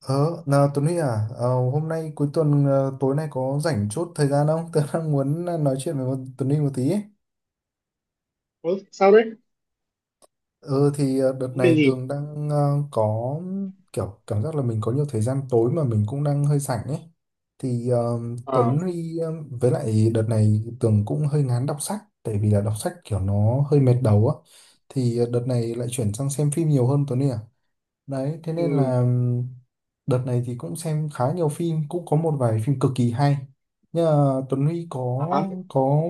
Ờ, nào Tuấn Huy à, hôm nay cuối tuần, tối nay có rảnh chốt thời gian không? Tớ đang muốn nói chuyện với Tuấn Huy một tí ấy. Ừ, sao đấy? Ờ thì đợt Vấn đề này gì? Tường đang có kiểu cảm giác là mình có nhiều thời gian tối mà mình cũng đang hơi rảnh ấy. Thì Ờ, Tuấn Huy, với lại đợt này Tường cũng hơi ngán đọc sách tại vì là đọc sách kiểu nó hơi mệt đầu á. Thì đợt này lại chuyển sang xem phim nhiều hơn Tuấn Huy à? Đấy thế nên ừ, là đợt này thì cũng xem khá nhiều phim, cũng có một vài phim cực kỳ hay, nhưng mà Tuấn Huy có à, hả? có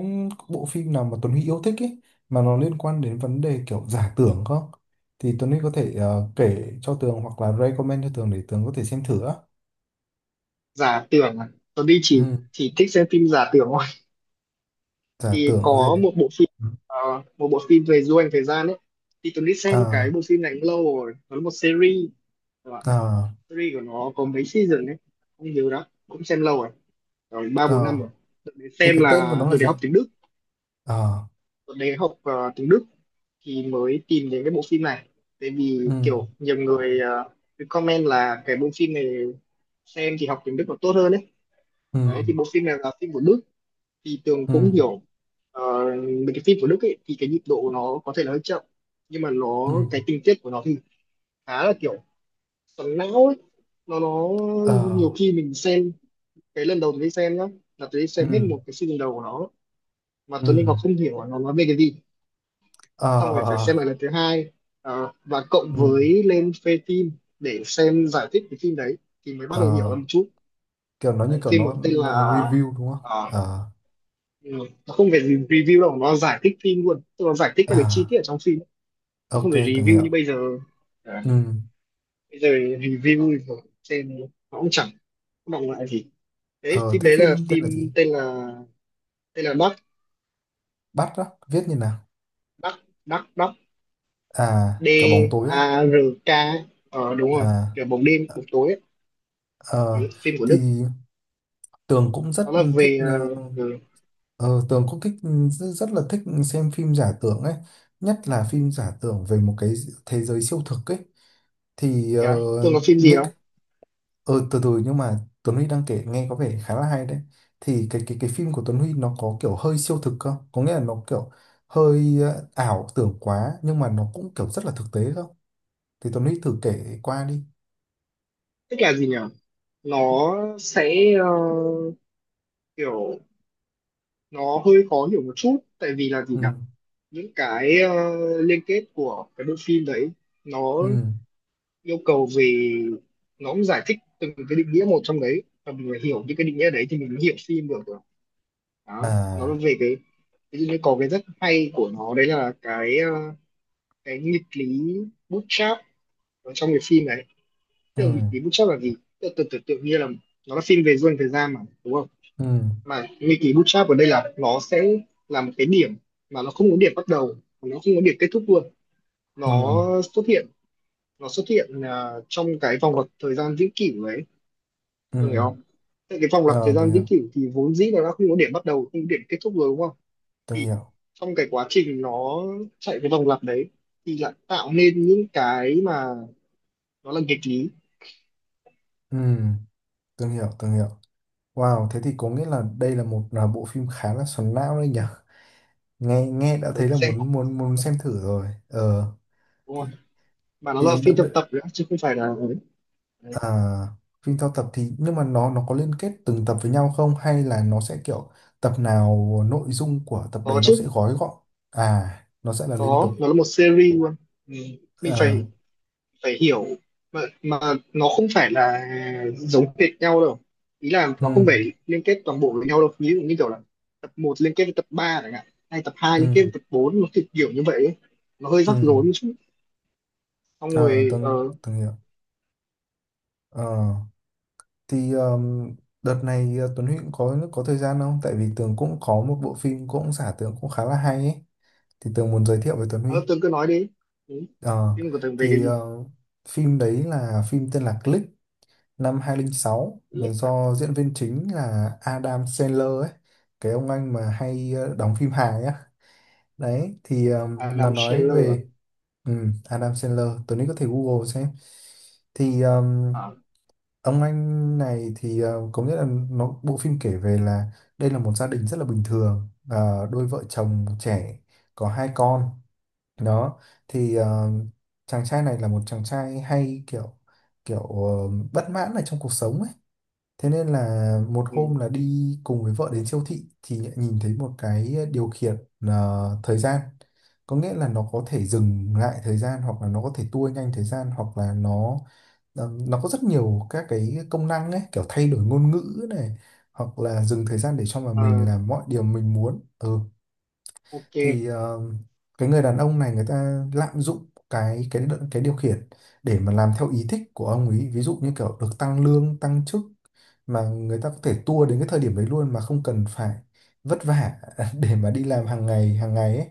bộ phim nào mà Tuấn Huy yêu thích ấy, mà nó liên quan đến vấn đề kiểu giả tưởng không, thì Tuấn Huy có thể kể cho Tường hoặc là recommend cho Tường để Tường có thể xem thử á? Giả tưởng à? Tôi đi chỉ Ừ. chỉ thích xem phim giả tưởng thôi. Giả Thì tưởng gì? có Ừ. ờ, một bộ phim về du hành thời gian ấy. Thì tôi đi xem cái À. bộ phim này cũng lâu rồi. Nó là một series, các bạn. À. Series của nó có mấy season đấy, không nhớ đó. Cũng xem lâu rồi, rồi 3 4 năm À. rồi. Tôi đến Thì xem cái tên của là nó là tôi để gì? học tiếng Đức, À. tôi để học ờ, tiếng Đức thì mới tìm đến cái bộ phim này, tại Ừ. vì kiểu nhiều người cứ comment là cái bộ phim này xem thì học tiếng Đức nó tốt hơn đấy. Ừ. Đấy thì bộ phim này là phim của Đức, thì Tường Ừ. cũng hiểu ờ, về cái phim của Đức ấy. Thì cái nhịp độ của nó có thể là hơi chậm, nhưng mà Ừ. nó cái tình tiết của nó thì khá là kiểu xoắn não ấy. Nó Nhiều À. khi mình xem, cái lần đầu tôi đi xem nhá, là tôi đi xem hết Ừ. một cái season đầu của nó mà Ừ. tôi nên còn không hiểu là nó nói về cái gì, xong rồi phải À. xem lại lần thứ hai, và cộng Ừ. với lên phê phim để xem giải thích cái phim đấy thì mới bắt đầu hiểu Ờ, ra một chút. kiểu nó như Đấy, kiểu phim nó có tên là nó review đúng không? ờ, Ờ, ừ, nó không phải gì review đâu, nó giải thích phim luôn, tức là giải thích các cái chi À, tiết ở trong phim chứ không ok, phải từng review hiểu. như bây giờ. Đấy, Ừ. bây giờ review thì xem nó cũng chẳng có động lại gì. Đấy, Ờ, phim thế đấy là phim tên là phim gì? tên là Dark. Bắt á, viết như nào? Dark. Dark. Dark. À, D kiểu bóng tối á. A R K. Đúng rồi, À, kiểu bóng đêm, bóng tối ờ, ấy. Phim của Đức. thì Tường cũng Nó rất là thích, về ừ, ờ, Tường cũng thích, rất, rất là thích xem phim giả tưởng ấy, nhất là phim giả tưởng về một cái thế giới siêu thực ấy. Thì yeah. Tưởng là phim gì những... không? Ừ, từ từ nhưng mà Tuấn Huy đang kể nghe có vẻ khá là hay đấy. Thì cái phim của Tuấn Huy nó có kiểu hơi siêu thực không? Có nghĩa là nó kiểu hơi ảo tưởng quá, nhưng mà nó cũng kiểu rất là thực tế không? Thì Tuấn Huy thử kể qua đi. Tức là gì nhỉ, nó sẽ kiểu, nó hơi khó hiểu một chút tại vì là gì Ừ. nhỉ, những cái liên kết của cái bộ phim đấy, nó Ừ. yêu cầu về, nó cũng giải thích từng cái định nghĩa một trong đấy, và mình phải hiểu những cái định nghĩa đấy thì mình mới hiểu phim được rồi. Đó, nó là À. về cái, ví dụ như có cái rất hay của nó đấy là cái nghịch lý bootstrap ở trong cái phim này. Ừ. Tưởng nghịch ký bootstrap là gì? Tượng tự, tưởng tưởng tượng như là, nó là phim về du hành thời gian mà đúng không? Ừ. Mà nghịch ký bootstrap ở đây là nó sẽ là một cái điểm mà nó không có điểm bắt đầu, nó không có điểm kết thúc luôn. Ừ. nó xuất hiện nó xuất hiện trong cái vòng lặp thời gian vĩnh cửu đấy. Ừ. Tôi hiểu không? Tại cái vòng lặp thời Ờ, tôi gian hiểu, vĩnh cửu thì vốn dĩ nó đã không có điểm bắt đầu, không có điểm kết thúc rồi đúng không? tôi Thì hiểu. trong cái quá trình nó chạy cái vòng lặp đấy thì lại tạo nên những cái mà nó là nghịch lý. Ừ, tôi hiểu, tôi hiểu. Wow, thế thì có nghĩa là đây là một là bộ phim khá là xoắn não đấy nhỉ? Nghe nghe đã Ở, thấy là xem muốn muốn muốn xem thử rồi. Ờ. đúng thì không? Mà nó là thì phim tập đợt, tập nữa chứ không phải là. À, phim theo tập thì nhưng mà nó có liên kết từng tập với nhau không, hay là nó sẽ kiểu tập nào nội dung của tập Có đấy nó sẽ chứ, gói gọn? À, nó sẽ là liên có, tục? nó là một series luôn. Ừ. Mình À. phải phải hiểu, mà nó không phải là giống hệt nhau đâu, ý là Ừ. nó không phải liên kết toàn bộ với nhau đâu. Ví dụ như kiểu là tập một liên kết với tập 3 chẳng hạn, hay tập hai liên kết Ừ. với tập bốn, nó kiểu kiểu như vậy ấy. Nó hơi Ừ. rắc rối một chút, xong À. rồi Tuấn Tuấn hiểu. Ờ, thì đợt này Tuấn Huy cũng có thời gian không, tại vì Tường cũng có một bộ phim cũng giả tưởng cũng khá là hay ấy, thì Tường muốn giới thiệu với Tuấn Huy. Tường cứ nói đi. Ừ, Ờ, phim của Tường về cái thì gì? Phim đấy là phim tên là Click, năm 2006, là Lích à? do diễn viên chính là Adam Sandler ấy, cái ông anh mà hay đóng phim hài á. Đấy thì nó Adam nói Sandler à? về, ừ, Adam Sandler, tối nay có thể Google xem. Thì À. ông anh này thì có nghĩa là nó bộ phim kể về là đây là một gia đình rất là bình thường, đôi vợ chồng trẻ có hai con. Đó thì chàng trai này là một chàng trai hay kiểu kiểu bất mãn ở trong cuộc sống ấy. Thế nên là một hôm Ừ. là đi cùng với vợ đến siêu thị thì lại nhìn thấy một cái điều khiển thời gian. Có nghĩa là nó có thể dừng lại thời gian, hoặc là nó có thể tua nhanh thời gian, hoặc là nó có rất nhiều các cái công năng ấy, kiểu thay đổi ngôn ngữ này hoặc là dừng thời gian để cho mà mình Ờ, làm mọi điều mình muốn. Ừ, thì ok. Cái người đàn ông này người ta lạm dụng cái điều khiển để mà làm theo ý thích của ông ấy, ví dụ như kiểu được tăng lương tăng chức mà người ta có thể tua đến cái thời điểm đấy luôn mà không cần phải vất vả để mà đi làm hàng ngày ấy.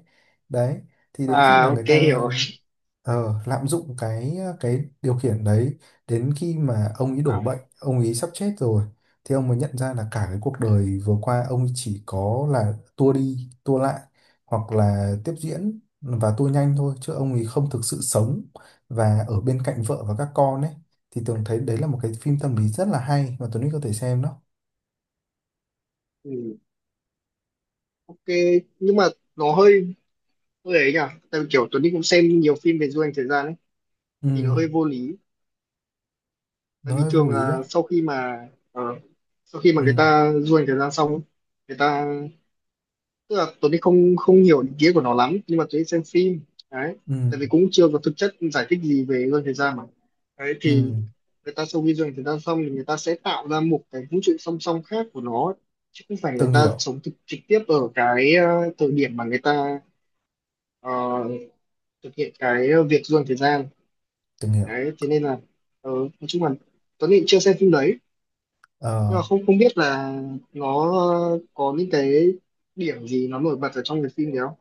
Đấy thì đến khi À, mà người ok, hiểu ta rồi. Lạm dụng cái điều khiển đấy, đến khi mà ông ấy đổ À, bệnh ông ấy sắp chết rồi, thì ông mới nhận ra là cả cái cuộc đời vừa qua ông ấy chỉ có là tua đi tua lại hoặc là tiếp diễn và tua nhanh thôi, chứ ông ấy không thực sự sống và ở bên cạnh vợ và các con ấy. Thì Tường thấy đấy là một cái phim tâm lý rất là hay mà Tuấn Huy có thể xem đó. ừ, ok. Nhưng mà nó hơi hơi ấy nhỉ, tại vì kiểu Tuấn Đi cũng xem nhiều phim về du hành thời gian ấy, Ừ, thì nó hơi vô lý. Tại nó vì hơi vô thường lý á. là sau khi mà Ừ. người ta du hành thời gian xong ấy, người ta, tức là Tuấn Đi không không hiểu ý nghĩa của nó lắm, nhưng mà Tuấn Đi xem phim đấy tại Ừ. vì cũng chưa có thực chất giải thích gì về du hành thời gian mà. Đấy Ừ. thì người ta sau khi du hành thời gian xong thì người ta sẽ tạo ra một cái vũ trụ song song khác của nó, chứ không phải người Tường ta hiểu. sống thực, trực tiếp ở cái thời điểm mà người ta ờ, thực hiện cái việc du hành thời gian. Tường hiểu. Đấy thế nên là nói chung là Tuấn Nghị chưa xem phim đấy, nhưng Ờ, mà không không biết là nó có những cái điểm gì nó nổi bật ở trong cái phim đấy không.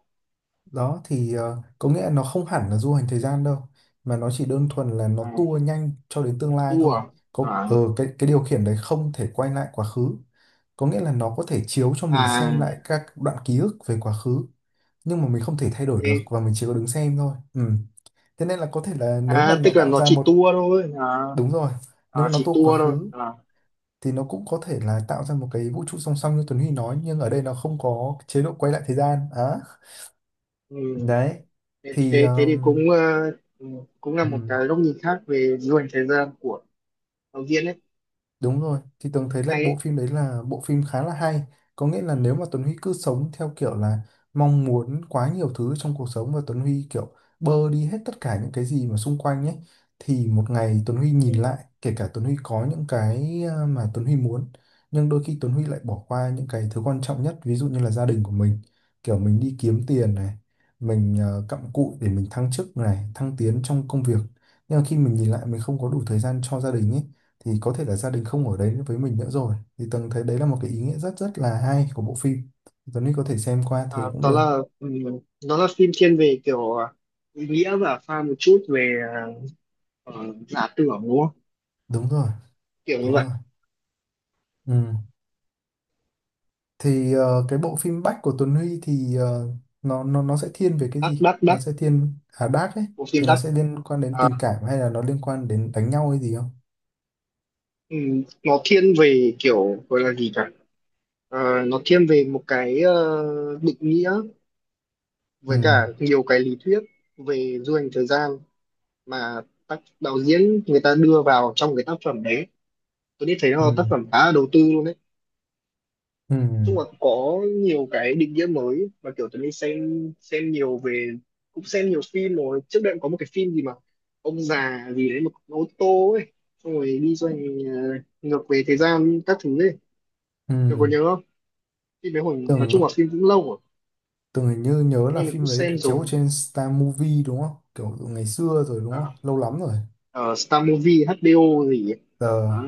Đó thì có nghĩa là nó không hẳn là du hành thời gian đâu mà nó chỉ đơn thuần là nó À, tua nhanh cho đến tương lai tour thôi. à? Có À. Cái điều khiển đấy không thể quay lại quá khứ. Có nghĩa là nó có thể chiếu cho mình xem À, lại các đoạn ký ức về quá khứ nhưng mà mình không thể thay đổi được ê. và mình chỉ có đứng xem thôi. Ừ. Thế nên là có thể là nếu mà À nó tức là tạo nó ra chỉ một... tour thôi à? đúng rồi, nếu À mà nó chỉ tua quá tour thôi khứ à? thì nó cũng có thể là tạo ra một cái vũ trụ song song như Tuấn Huy nói, nhưng ở đây nó không có chế độ quay lại thời gian á. Ừ. Đấy thế, thì... thế thế thì cũng ừ, cũng là Ừ, một cái góc nhìn khác về du hành thời gian của đạo diễn ấy. đúng rồi, thì Tường thấy là Hay bộ đấy. phim đấy là bộ phim khá là hay. Có nghĩa là nếu mà Tuấn Huy cứ sống theo kiểu là mong muốn quá nhiều thứ trong cuộc sống và Tuấn Huy kiểu bơ đi hết tất cả những cái gì mà xung quanh ấy, thì một ngày Tuấn Huy nhìn Ừ. lại, kể cả Tuấn Huy có những cái mà Tuấn Huy muốn, nhưng đôi khi Tuấn Huy lại bỏ qua những cái thứ quan trọng nhất ví dụ như là gia đình của mình, kiểu mình đi kiếm tiền này, mình cặm cụi để mình thăng chức này thăng tiến trong công việc, nhưng mà khi mình nhìn lại mình không có đủ thời gian cho gia đình ấy, thì có thể là gia đình không ở đấy với mình nữa rồi. Thì Tường thấy đấy là một cái ý nghĩa rất rất là hay của bộ phim, Tuấn Linh có thể xem qua thử À, cũng đó được. là nó là phim thiên về kiểu ý nghĩa và pha một chút về ờ, giả tưởng đúng không? Đúng rồi. Kiểu như Đúng vậy. rồi. Ừ. Thì cái bộ phim Bách của Tuấn Huy thì nó sẽ thiên về cái Đắc, gì, đắc, nó đắc, sẽ thiên à Dark ấy, bộ phim thì nó đắc. sẽ liên quan đến À, tình cảm hay là nó liên quan đến đánh nhau hay gì không? Nó thiên về kiểu gọi là gì cả. Ờ, nó thiên về một cái định nghĩa, Ừ. với cả nhiều cái lý thuyết về du hành thời gian mà tác đạo diễn người ta đưa vào trong cái tác phẩm đấy. Tôi đi thấy nó là tác Ừ. phẩm khá là đầu tư luôn đấy. Ừ. Chung là có nhiều cái định nghĩa mới, và kiểu tớ đi xem nhiều về, cũng xem nhiều phim rồi, trước đây cũng có một cái phim gì mà ông già gì đấy một con ô tô ấy, xong rồi đi xoay ngược về thời gian các thứ ấy. Ừ. Tôi có nhớ không, phim đấy hồi, nói tưởng chung là phim cũng lâu rồi, Tường hình như nhớ là nên mình cũng phim đấy được xem chiếu rồi. trên Star Movie đúng không, kiểu ngày xưa rồi, đúng Ờ, không, lâu lắm rồi. ờ, Star Movie HBO gì ấy. Ờ Đó.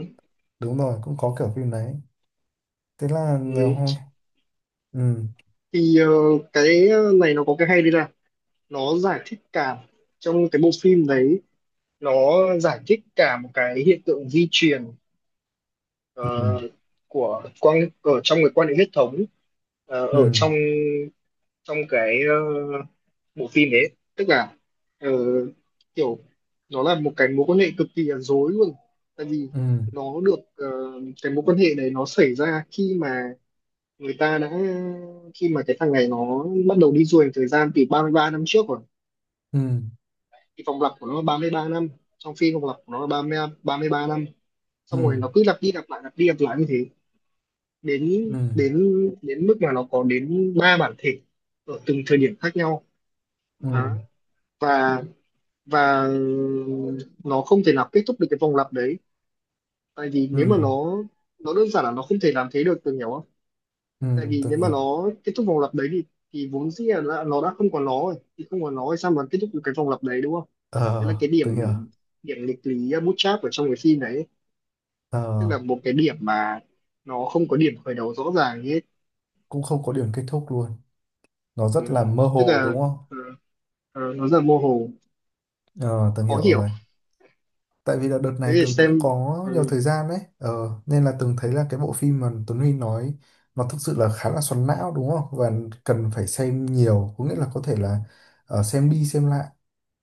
đúng rồi, cũng có kiểu phim đấy. Thế là Ừ. hôm... Ừ. Thì cái này nó có cái hay đây là nó giải thích cả trong cái bộ phim đấy. Nó giải thích cả một cái hiện tượng di truyền Ừ. ờ, của quan, ở trong cái quan hệ huyết thống ở Ừ. trong trong cái bộ phim đấy. Tức là ờ, kiểu nó là một cái mối quan hệ cực kỳ là rối luôn, tại vì Ừ. nó được cái mối quan hệ này nó xảy ra khi mà người ta đã, khi mà cái thằng này nó bắt đầu đi du hành thời gian từ 33 năm trước rồi. Ừ. Thì vòng lặp của nó là 33 năm, trong phim vòng lặp của nó là 33 năm, xong Ừ. rồi nó cứ lặp đi lặp lại, lặp đi lặp lại như thế. đến Ừ. đến đến mức mà nó có đến ba bản thể ở từng thời điểm khác nhau. Ừ. Đó. và và nó không thể nào kết thúc được cái vòng lặp đấy, tại vì Ừ. nếu mà nó đơn giản là nó không thể làm thế được. Tôi hiểu không? Ừ. Tại vì Từng nếu mà hiểu. nó kết thúc vòng lặp đấy thì vốn dĩ là nó đã không còn nó rồi, thì không còn nó thì sao mà kết thúc được cái vòng lặp đấy đúng không? Đấy là Ờ, cái điểm từng hiểu. điểm nghịch lý bootstrap ở trong cái phim đấy, ờ tức là một cái điểm mà nó không có điểm khởi đầu rõ ràng như hết. cũng không có điểm kết thúc luôn, nó Ừ. rất là mơ Tức hồ, là, đúng không? ừ, nó rất là mơ hồ, Ờ, từng khó hiểu hiểu. rồi. Tại vì là đợt Thế này thì từng cũng xem. có nhiều ừ, thời gian đấy, nên là từng thấy là cái bộ phim mà Tuấn Huy nói nó thực sự là khá là xoắn não đúng không, và cần phải xem nhiều, có nghĩa là Đúng, có thể là xem đi xem lại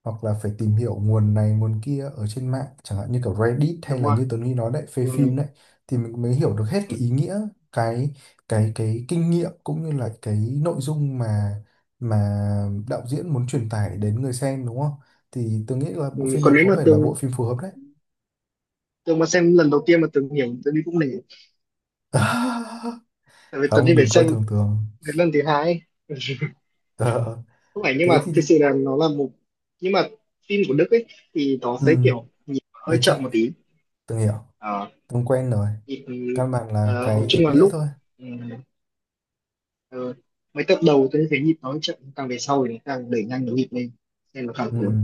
hoặc là phải tìm hiểu nguồn này nguồn kia ở trên mạng, chẳng hạn như kiểu Reddit hay đúng là rồi. như Tuấn Huy nói đấy, phê phim Ừ, đấy, thì mình mới hiểu được hết ừ, cái ý nghĩa, cái cái kinh nghiệm cũng như là cái nội dung mà mà đạo diễn muốn truyền tải đến người xem đúng không. Thì tôi nghĩ là ừ. bộ phim này Còn nếu có mà vẻ là bộ tường phim phù hợp đấy. tường mà xem lần đầu tiên mà tường hiểu, tường đi cũng nể, tại vì tường đi Không, phải đừng coi xem thường thường. đến lần thứ hai ấy. Ờ, Không phải, nhưng thế mà thì thực sự là nó là một nhưng mà phim của Đức ấy thì nó sẽ ừ, kiểu nhịp hơi hơi chậm, chậm một tí. tôi hiểu, Ờ, tôi quen rồi, nhịp căn bản là nói cái ý chung là nghĩa lúc thôi. ừ, ờ, mấy tập đầu tôi thấy nhịp nó hơi chậm, càng về sau thì nó càng đẩy nhanh cái nhịp lên nên nó càng Ừ. cuốn.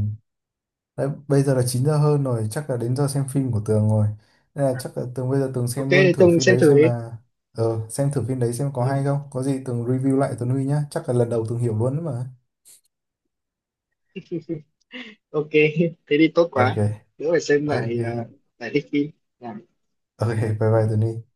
Đấy, bây giờ là 9 giờ hơn rồi, chắc là đến giờ xem phim của Tường rồi. Nên là chắc là Tường bây giờ Tường Ok xem luôn thì thử tường phim xem đấy thử xem đi. là... xem thử phim đấy xem có hay Ừ. không. Có gì Tường review lại Tuấn Huy nhá. Chắc là lần đầu Tường hiểu luôn đấy mà. Ok. thế thì tốt Ok, quá, đỡ phải xem ok. lại. Lại thích phim. Dạ. Ok, bye bye Tuấn Huy.